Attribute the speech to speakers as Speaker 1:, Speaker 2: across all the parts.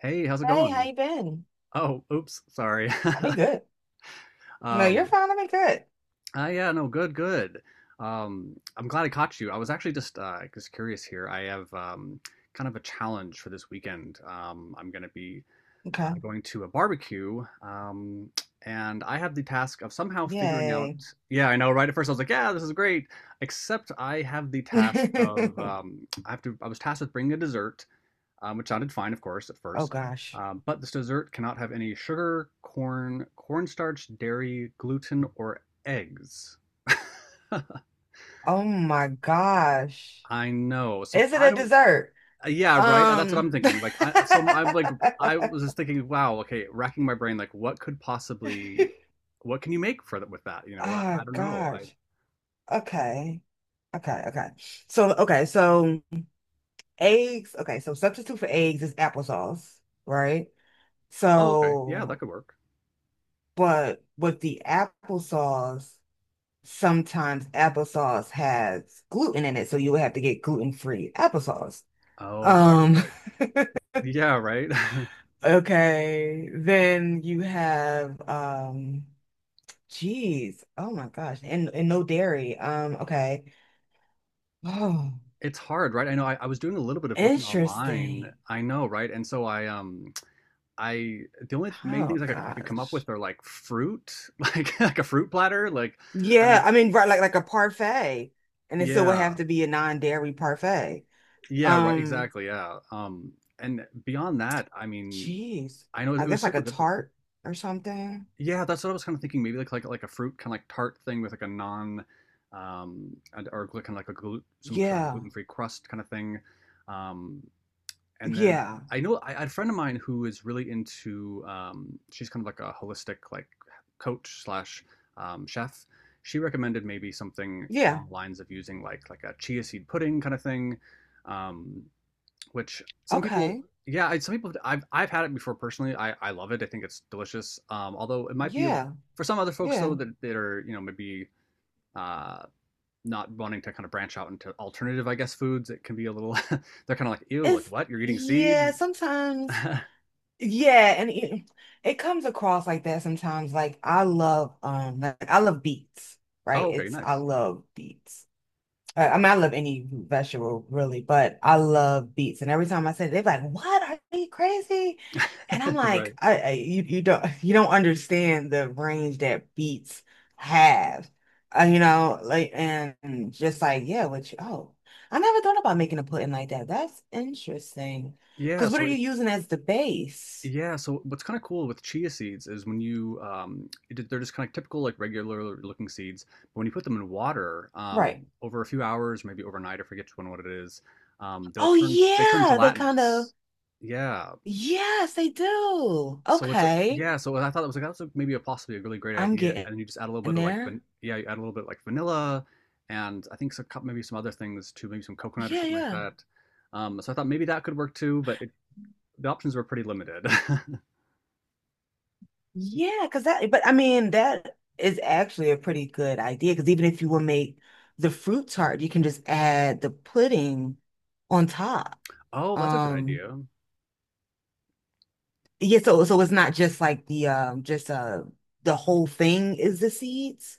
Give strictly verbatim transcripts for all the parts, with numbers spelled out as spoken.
Speaker 1: Hey, how's it
Speaker 2: Hey, how
Speaker 1: going?
Speaker 2: you been?
Speaker 1: Oh, oops, sorry.
Speaker 2: I've been good. No, you're
Speaker 1: Um,
Speaker 2: fine. I've been good.
Speaker 1: uh, yeah, no, good, good. Um, I'm glad I caught you. I was actually just uh, just curious here. I have um, kind of a challenge for this weekend. Um, I'm going to be uh,
Speaker 2: Okay.
Speaker 1: going to a barbecue, um, and I have the task of somehow figuring out.
Speaker 2: Yay.
Speaker 1: Yeah, I know, right? At first, I was like, "Yeah, this is great," except I have the task of um, I have to. I was tasked with bringing a dessert, um, which sounded fine, of course, at
Speaker 2: Oh
Speaker 1: first.
Speaker 2: gosh.
Speaker 1: Um, but this dessert cannot have any sugar, corn, cornstarch, dairy, gluten, or eggs.
Speaker 2: Oh my gosh.
Speaker 1: I know. So
Speaker 2: Is it
Speaker 1: I
Speaker 2: a
Speaker 1: don't.
Speaker 2: dessert?
Speaker 1: uh, Yeah, right. That's what
Speaker 2: Um.
Speaker 1: I'm thinking. Like, I so I'm like I was just thinking, wow. Okay, racking my brain. Like, what could possibly? What can you make for that with that? You know, I,
Speaker 2: Ah,
Speaker 1: I don't know. I
Speaker 2: gosh. Okay. Okay. Okay. So, okay. So, eggs. Okay. So, substitute for eggs is applesauce, right?
Speaker 1: oh okay, yeah, that
Speaker 2: So,
Speaker 1: could work.
Speaker 2: but with the applesauce, sometimes applesauce has gluten in it, so you would have to get gluten-free applesauce.
Speaker 1: Oh right, right,
Speaker 2: Um,
Speaker 1: right. Yeah, right.
Speaker 2: okay, then you have um geez, oh my gosh, and, and no dairy. Um, okay. Oh,
Speaker 1: It's hard, right? I know. I, I was doing a little bit of looking online.
Speaker 2: interesting.
Speaker 1: I know, right? And so I um I the only th- main
Speaker 2: Oh
Speaker 1: things I could, I could come up
Speaker 2: gosh.
Speaker 1: with are like fruit, like like a fruit platter, like I don't
Speaker 2: Yeah,
Speaker 1: know.
Speaker 2: I mean, right, like like a parfait. And it still would
Speaker 1: Yeah.
Speaker 2: have to be a non-dairy parfait.
Speaker 1: Yeah, right,
Speaker 2: Um,
Speaker 1: exactly. Yeah. Um and beyond that, I mean,
Speaker 2: geez.
Speaker 1: I know it
Speaker 2: I
Speaker 1: was
Speaker 2: guess like a
Speaker 1: super difficult.
Speaker 2: tart or something.
Speaker 1: Yeah, that's what I was kind of thinking. Maybe like like like a fruit kind of like tart thing with like a non um and, or kind of like a gluten some sort of a
Speaker 2: Yeah.
Speaker 1: gluten-free crust kind of thing. Um And then
Speaker 2: Yeah.
Speaker 1: I know I, I had a friend of mine who is really into um, she's kind of like a holistic like coach slash um, chef. She recommended maybe something
Speaker 2: Yeah.
Speaker 1: along the lines of using like like a chia seed pudding kind of thing, um, which some people
Speaker 2: Okay.
Speaker 1: yeah I, some people I've I've had it before personally. I I love it. I think it's delicious. Um, although it might be
Speaker 2: Yeah.
Speaker 1: for some other folks though
Speaker 2: Yeah.
Speaker 1: that that are you know maybe uh, not wanting to kind of branch out into alternative I guess foods. It can be a little they're kind of like ew like
Speaker 2: It's
Speaker 1: what you're eating seeds.
Speaker 2: yeah, sometimes yeah, and it, it comes across like that sometimes. Like I love um like I love beats, right?
Speaker 1: Oh, okay,
Speaker 2: It's I
Speaker 1: nice.
Speaker 2: love beats. I, I mean, I love any root vegetable really, but I love beets. And every time I say, it, they're like, "What? Are you crazy?" And I'm
Speaker 1: Right.
Speaker 2: like, I, I you, you don't you don't understand the range that beets have. Uh, you know, like and just like yeah, which oh, I never thought about making a pudding like that. That's interesting.
Speaker 1: Yeah,
Speaker 2: Because what are
Speaker 1: so
Speaker 2: you
Speaker 1: it,
Speaker 2: using as the base?
Speaker 1: yeah, so what's kind of cool with chia seeds is when you um it, they're just kind of typical like regular looking seeds, but when you put them in water,
Speaker 2: Right.
Speaker 1: um over a few hours, maybe overnight, I forget which one what it is, um they'll
Speaker 2: Oh
Speaker 1: turn they turn
Speaker 2: yeah, they kind of
Speaker 1: gelatinous. Yeah.
Speaker 2: yes, they do.
Speaker 1: So it's a
Speaker 2: Okay,
Speaker 1: yeah, so I thought it was like that's a, maybe a possibly a really great
Speaker 2: I'm
Speaker 1: idea.
Speaker 2: getting
Speaker 1: And then you just add a little bit of like van
Speaker 2: there.
Speaker 1: yeah, you add a little bit like vanilla and I think some, cou- maybe some other things too, maybe some coconut or
Speaker 2: Yeah,
Speaker 1: something like
Speaker 2: yeah.
Speaker 1: that. Um, so I thought maybe that could work too, but it the options were pretty limited.
Speaker 2: Yeah, because that, but I mean, that is actually a pretty good idea. Because even if you will make the fruit tart, you can just add the pudding on top.
Speaker 1: Oh, that's a good
Speaker 2: Um,
Speaker 1: idea.
Speaker 2: yeah, so so it's not just like the um just uh the whole thing is the seeds.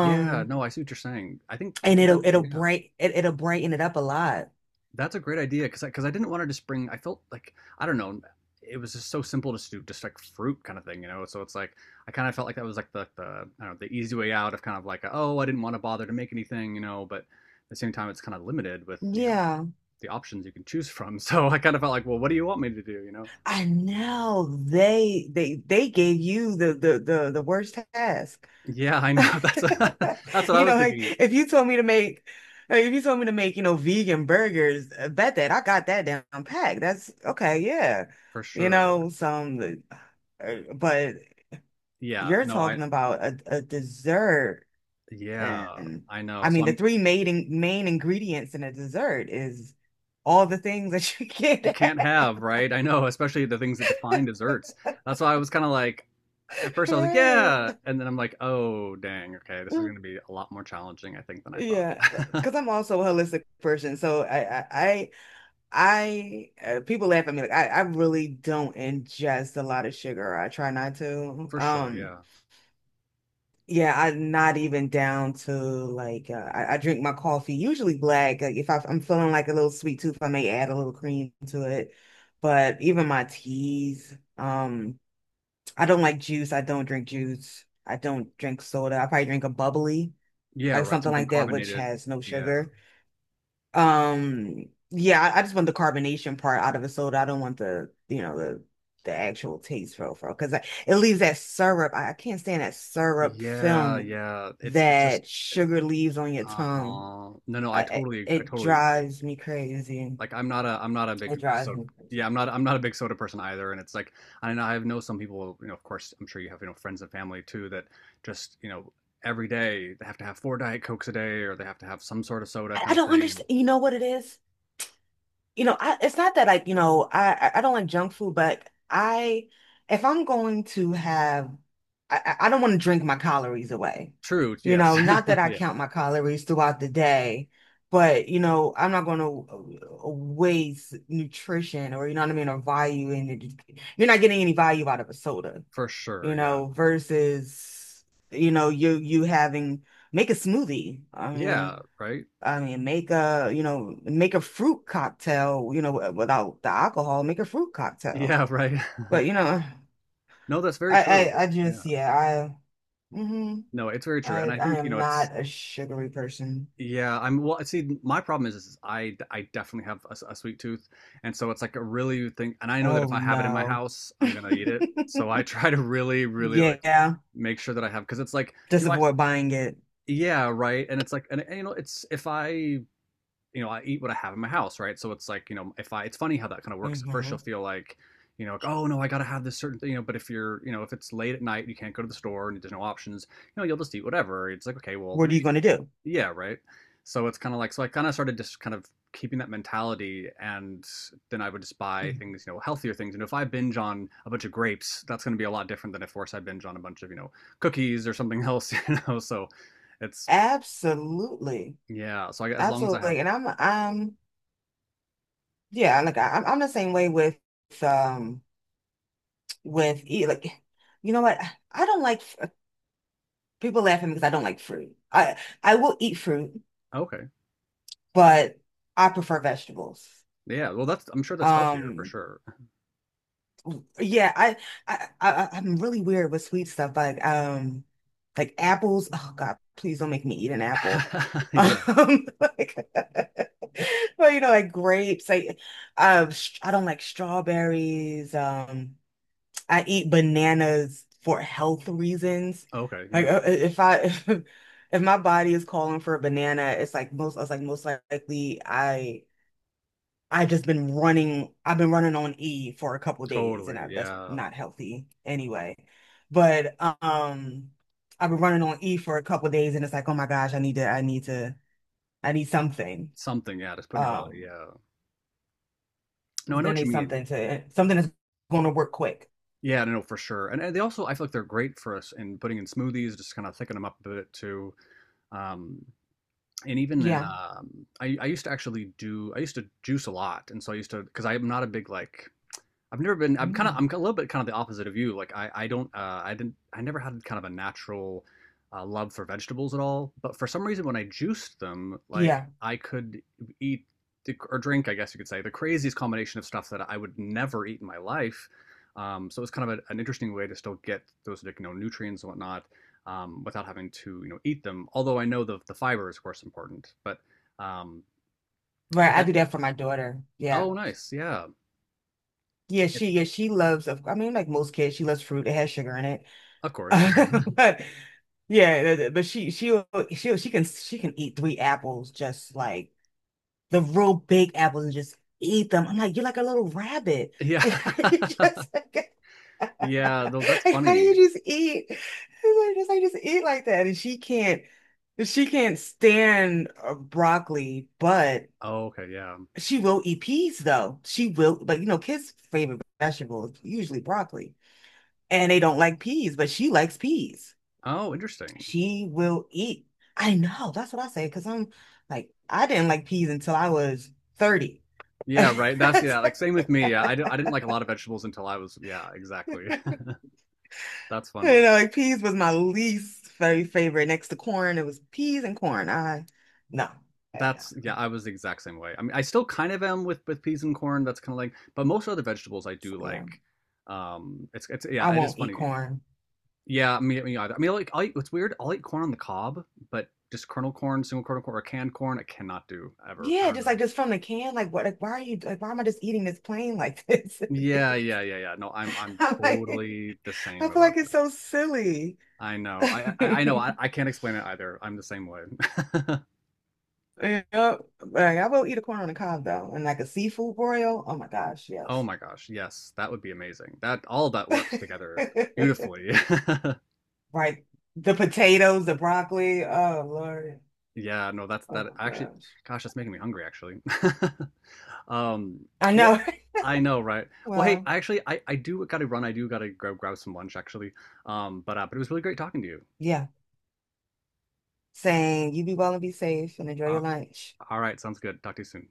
Speaker 1: Yeah, no, I see what you're saying. I think
Speaker 2: and
Speaker 1: that's
Speaker 2: it'll it'll
Speaker 1: yeah,
Speaker 2: bright it, it'll brighten it up a lot.
Speaker 1: that's a great idea because because I, 'cause I didn't want to just bring. I felt like I don't know. It was just so simple to do, just like fruit kind of thing, you know. So it's like I kind of felt like that was like the the I don't know, the easy way out of kind of like oh I didn't want to bother to make anything, you know. But at the same time, it's kind of limited with you know
Speaker 2: Yeah,
Speaker 1: the options you can choose from. So I kind of felt like well, what do you want me to do, you know?
Speaker 2: I know they they they gave you the the the the worst task.
Speaker 1: Yeah, I know. That's that's what I
Speaker 2: You know,
Speaker 1: was
Speaker 2: like
Speaker 1: thinking
Speaker 2: if you told me to make, like, if you told me to make, you know, vegan burgers, I bet that I got that down packed. That's okay, yeah.
Speaker 1: for
Speaker 2: You
Speaker 1: sure.
Speaker 2: know, some, uh, but
Speaker 1: Yeah,
Speaker 2: you're
Speaker 1: no, I
Speaker 2: talking about a, a dessert,
Speaker 1: yeah,
Speaker 2: and
Speaker 1: I know.
Speaker 2: I
Speaker 1: So
Speaker 2: mean, the
Speaker 1: I'm
Speaker 2: three main in- main ingredients in a dessert is all the things that you
Speaker 1: it
Speaker 2: get
Speaker 1: can't have, right? I know, especially the things that define desserts. That's why I was kind of like at first I was like,
Speaker 2: Right.
Speaker 1: yeah, and then I'm like, oh, dang, okay, this is going to be a lot more challenging I think than I
Speaker 2: Yeah,
Speaker 1: thought.
Speaker 2: because I'm also a holistic person, so I, I I uh, people laugh at me like I, I really don't ingest a lot of sugar. I try not to.
Speaker 1: For sure,
Speaker 2: Um,
Speaker 1: yeah.
Speaker 2: yeah, I'm not even down to like uh, I, I drink my coffee usually black. Like if I, I'm feeling like a little sweet tooth, I may add a little cream to it. But even my teas, um, I don't like juice. I don't drink juice. I don't drink soda. I probably drink a bubbly,
Speaker 1: Yeah,
Speaker 2: like
Speaker 1: right,
Speaker 2: something
Speaker 1: something
Speaker 2: like that, which
Speaker 1: carbonated.
Speaker 2: has no
Speaker 1: Yeah.
Speaker 2: sugar. Um, yeah, I, I just want the carbonation part out of the soda. I don't want the, you know, the the actual taste profile because it leaves that syrup. I, I can't stand that syrup
Speaker 1: Yeah,
Speaker 2: film
Speaker 1: yeah. It's it's just
Speaker 2: that sugar leaves on your
Speaker 1: uh-huh.
Speaker 2: tongue.
Speaker 1: No, no,
Speaker 2: I,
Speaker 1: I
Speaker 2: I-
Speaker 1: totally I
Speaker 2: it
Speaker 1: totally agree.
Speaker 2: drives me crazy.
Speaker 1: Like I'm not a I'm not a
Speaker 2: It
Speaker 1: big
Speaker 2: drives
Speaker 1: soda
Speaker 2: me
Speaker 1: yeah
Speaker 2: crazy.
Speaker 1: I'm not I'm not a big soda person either and it's like I know I know some people you know of course I'm sure you have you know friends and family too that just you know every day they have to have four diet cokes a day or they have to have some sort of soda
Speaker 2: I, I
Speaker 1: kind of
Speaker 2: don't
Speaker 1: thing and
Speaker 2: understand. You know what it is? You know, I, it's not that I, you know, I I I don't like junk food, but I if I'm going to have, I I I don't want to drink my calories away.
Speaker 1: true
Speaker 2: You
Speaker 1: yes
Speaker 2: know, not that I
Speaker 1: yeah
Speaker 2: count my calories throughout the day, but you know, I'm not going to waste nutrition or you know what I mean, or value in it. You're not getting any value out of a soda,
Speaker 1: for sure
Speaker 2: you
Speaker 1: yeah
Speaker 2: know, versus you know you you having make a smoothie. I
Speaker 1: yeah
Speaker 2: mean.
Speaker 1: right
Speaker 2: I mean, make a, you know, make a fruit cocktail, you know, wi- without the alcohol, make a fruit cocktail.
Speaker 1: yeah right
Speaker 2: But, you know,
Speaker 1: no that's very
Speaker 2: I,
Speaker 1: true
Speaker 2: I, I
Speaker 1: yeah
Speaker 2: just, yeah, I, hmm
Speaker 1: no it's very true and
Speaker 2: I,
Speaker 1: I
Speaker 2: I
Speaker 1: think you
Speaker 2: am
Speaker 1: know it's
Speaker 2: not a sugary person.
Speaker 1: yeah, I'm well. See, my problem is, is I I definitely have a, s- a sweet tooth, and so it's like a really thing. And I know that
Speaker 2: Oh
Speaker 1: if I have it in my
Speaker 2: no.
Speaker 1: house, I'm gonna eat it. So I try to really, really like
Speaker 2: Yeah,
Speaker 1: make sure that I have because it's like
Speaker 2: just
Speaker 1: you know, I,
Speaker 2: avoid buying it.
Speaker 1: yeah, right. And it's like, and, and you know, it's if I you know I eat what I have in my house, right? So it's like you know, if I it's funny how that kind of works. At first,
Speaker 2: hmm
Speaker 1: you'll feel like you know, like, oh no, I gotta have this certain thing, you know. But if you're you know, if it's late at night, you can't go to the store and there's no options you know, you'll just eat whatever. It's like, okay, well,
Speaker 2: What are you
Speaker 1: maybe
Speaker 2: going to do?
Speaker 1: yeah, right. So it's kind of like, so I kind of started just kind of keeping that mentality, and then I would just buy
Speaker 2: Mhm.
Speaker 1: things, you know, healthier things. And if I binge on a bunch of grapes, that's going to be a lot different than if, of course, I binge on a bunch of, you know, cookies or something else, you know. So it's,
Speaker 2: Absolutely.
Speaker 1: yeah. So I, as long as I have,
Speaker 2: Absolutely. And I'm, I'm, yeah, like I, I'm I'm the same way with, um, with eat, like, you know what? I don't like, people laugh at me because I don't like fruit. I I will eat fruit,
Speaker 1: okay.
Speaker 2: but I prefer vegetables.
Speaker 1: Yeah. Well, that's, I'm sure that's healthier for
Speaker 2: Um,
Speaker 1: sure.
Speaker 2: yeah, I I, I I'm really weird with sweet stuff, like um, like apples. Oh God, please don't make me eat an apple. Um,
Speaker 1: Yeah.
Speaker 2: like, well, you know, like grapes. Like, um, sh- I don't like strawberries. Um. I eat bananas for health reasons.
Speaker 1: Okay.
Speaker 2: Like
Speaker 1: Yeah.
Speaker 2: uh, uh, if I if, my body is calling for a banana, it's like most I was like most likely I I have just been running I've been running on E for a couple days and
Speaker 1: Totally.
Speaker 2: I, that's
Speaker 1: Yeah.
Speaker 2: not healthy anyway. But um I've been running on E for a couple days and it's like oh my gosh I need to I need to I need something.
Speaker 1: Something. Yeah. Just put in your body.
Speaker 2: Um
Speaker 1: Yeah. No, I know
Speaker 2: then
Speaker 1: what
Speaker 2: need
Speaker 1: you mean.
Speaker 2: something to something that's going to work quick.
Speaker 1: Yeah, no, no, for sure. And, and they also, I feel like they're great for us in putting in smoothies, just kind of thicken them up a bit too. Um, and even in,
Speaker 2: Yeah.
Speaker 1: um, I, I used to actually do, I used to juice a lot. And so I used to, because I'm not a big like I've never been. I'm kind of. I'm
Speaker 2: Mm.
Speaker 1: a little bit kind of the opposite of you. Like I, I don't. Uh, I didn't. I never had kind of a natural uh, love for vegetables at all. But for some reason, when I juiced them,
Speaker 2: Yeah.
Speaker 1: like I could eat the, or drink, I guess you could say, the craziest combination of stuff that I would never eat in my life. Um, so it was kind of a, an interesting way to still get those like, you know nutrients and whatnot um, without having to you know eat them. Although I know the the fiber is of course important, but um,
Speaker 2: Right, I
Speaker 1: but
Speaker 2: do that for my daughter. Yeah.
Speaker 1: oh nice, yeah,
Speaker 2: Yeah,
Speaker 1: it,
Speaker 2: she yeah, she loves of I mean like most kids, she loves fruit. It has sugar in it.
Speaker 1: of course,
Speaker 2: But yeah, th- th- but she she she she can she can eat three apples just like the real big apples and just eat them. I'm like, you're like a little rabbit.
Speaker 1: yeah.
Speaker 2: Like, how do you just like,
Speaker 1: Yeah, though that's
Speaker 2: how do
Speaker 1: funny.
Speaker 2: you just eat? It's like just like just eat like that. And she can't she can't stand uh, broccoli, but
Speaker 1: Oh, okay, yeah.
Speaker 2: she will eat peas though. She will, but you know, kids' favorite vegetable is usually broccoli, and they don't like peas, but she likes peas.
Speaker 1: Oh, interesting.
Speaker 2: She will eat. I know, that's what I say, because I'm like, I didn't like peas until I was thirty.
Speaker 1: Yeah, right. That's yeah, like same with me. Yeah, I, d I didn't like a lot of vegetables until I was yeah, exactly. That's funny.
Speaker 2: You know, like peas was my least very favorite. Next to corn, it was peas and corn. I no, eh,
Speaker 1: That's
Speaker 2: no,
Speaker 1: yeah, I was the exact same way. I mean, I still kind of am with with peas and corn. That's kind of like, but most other vegetables I do
Speaker 2: yeah,
Speaker 1: like. Um, it's it's
Speaker 2: I
Speaker 1: yeah, it is
Speaker 2: won't eat
Speaker 1: funny.
Speaker 2: corn.
Speaker 1: Yeah, me me either. I mean, like I eat, it's weird. I'll eat corn on the cob, but just kernel corn, single kernel corn, or canned corn, I cannot do ever. I
Speaker 2: Yeah,
Speaker 1: don't
Speaker 2: just
Speaker 1: know.
Speaker 2: like just from the can, like what, like why are you, like why am I just eating this plain like this?
Speaker 1: Yeah, yeah, yeah, yeah. No, I'm I'm
Speaker 2: I'm like,
Speaker 1: totally the
Speaker 2: I
Speaker 1: same
Speaker 2: feel
Speaker 1: about
Speaker 2: like it's
Speaker 1: that.
Speaker 2: so silly.
Speaker 1: I know. I I, I know. I, I can't explain it either. I'm the same way.
Speaker 2: Yep. Like, I will eat a corn on the cob though, and like a seafood broil. Oh my gosh,
Speaker 1: Oh
Speaker 2: yes.
Speaker 1: my gosh, yes, that would be amazing. That all of that works together beautifully.
Speaker 2: Right. The potatoes, the broccoli. Oh Lord.
Speaker 1: Yeah, no, that's
Speaker 2: Oh
Speaker 1: that
Speaker 2: my
Speaker 1: actually
Speaker 2: gosh.
Speaker 1: gosh, that's making me hungry actually. Um,
Speaker 2: I
Speaker 1: well,
Speaker 2: know.
Speaker 1: I know, right? Well, hey,
Speaker 2: Well,
Speaker 1: actually I I do gotta run. I do gotta go grab some lunch actually. Um, but uh, but it was really great talking to you.
Speaker 2: yeah. Saying you be well and be safe and enjoy
Speaker 1: Uh,
Speaker 2: your lunch.
Speaker 1: all right, sounds good. Talk to you soon.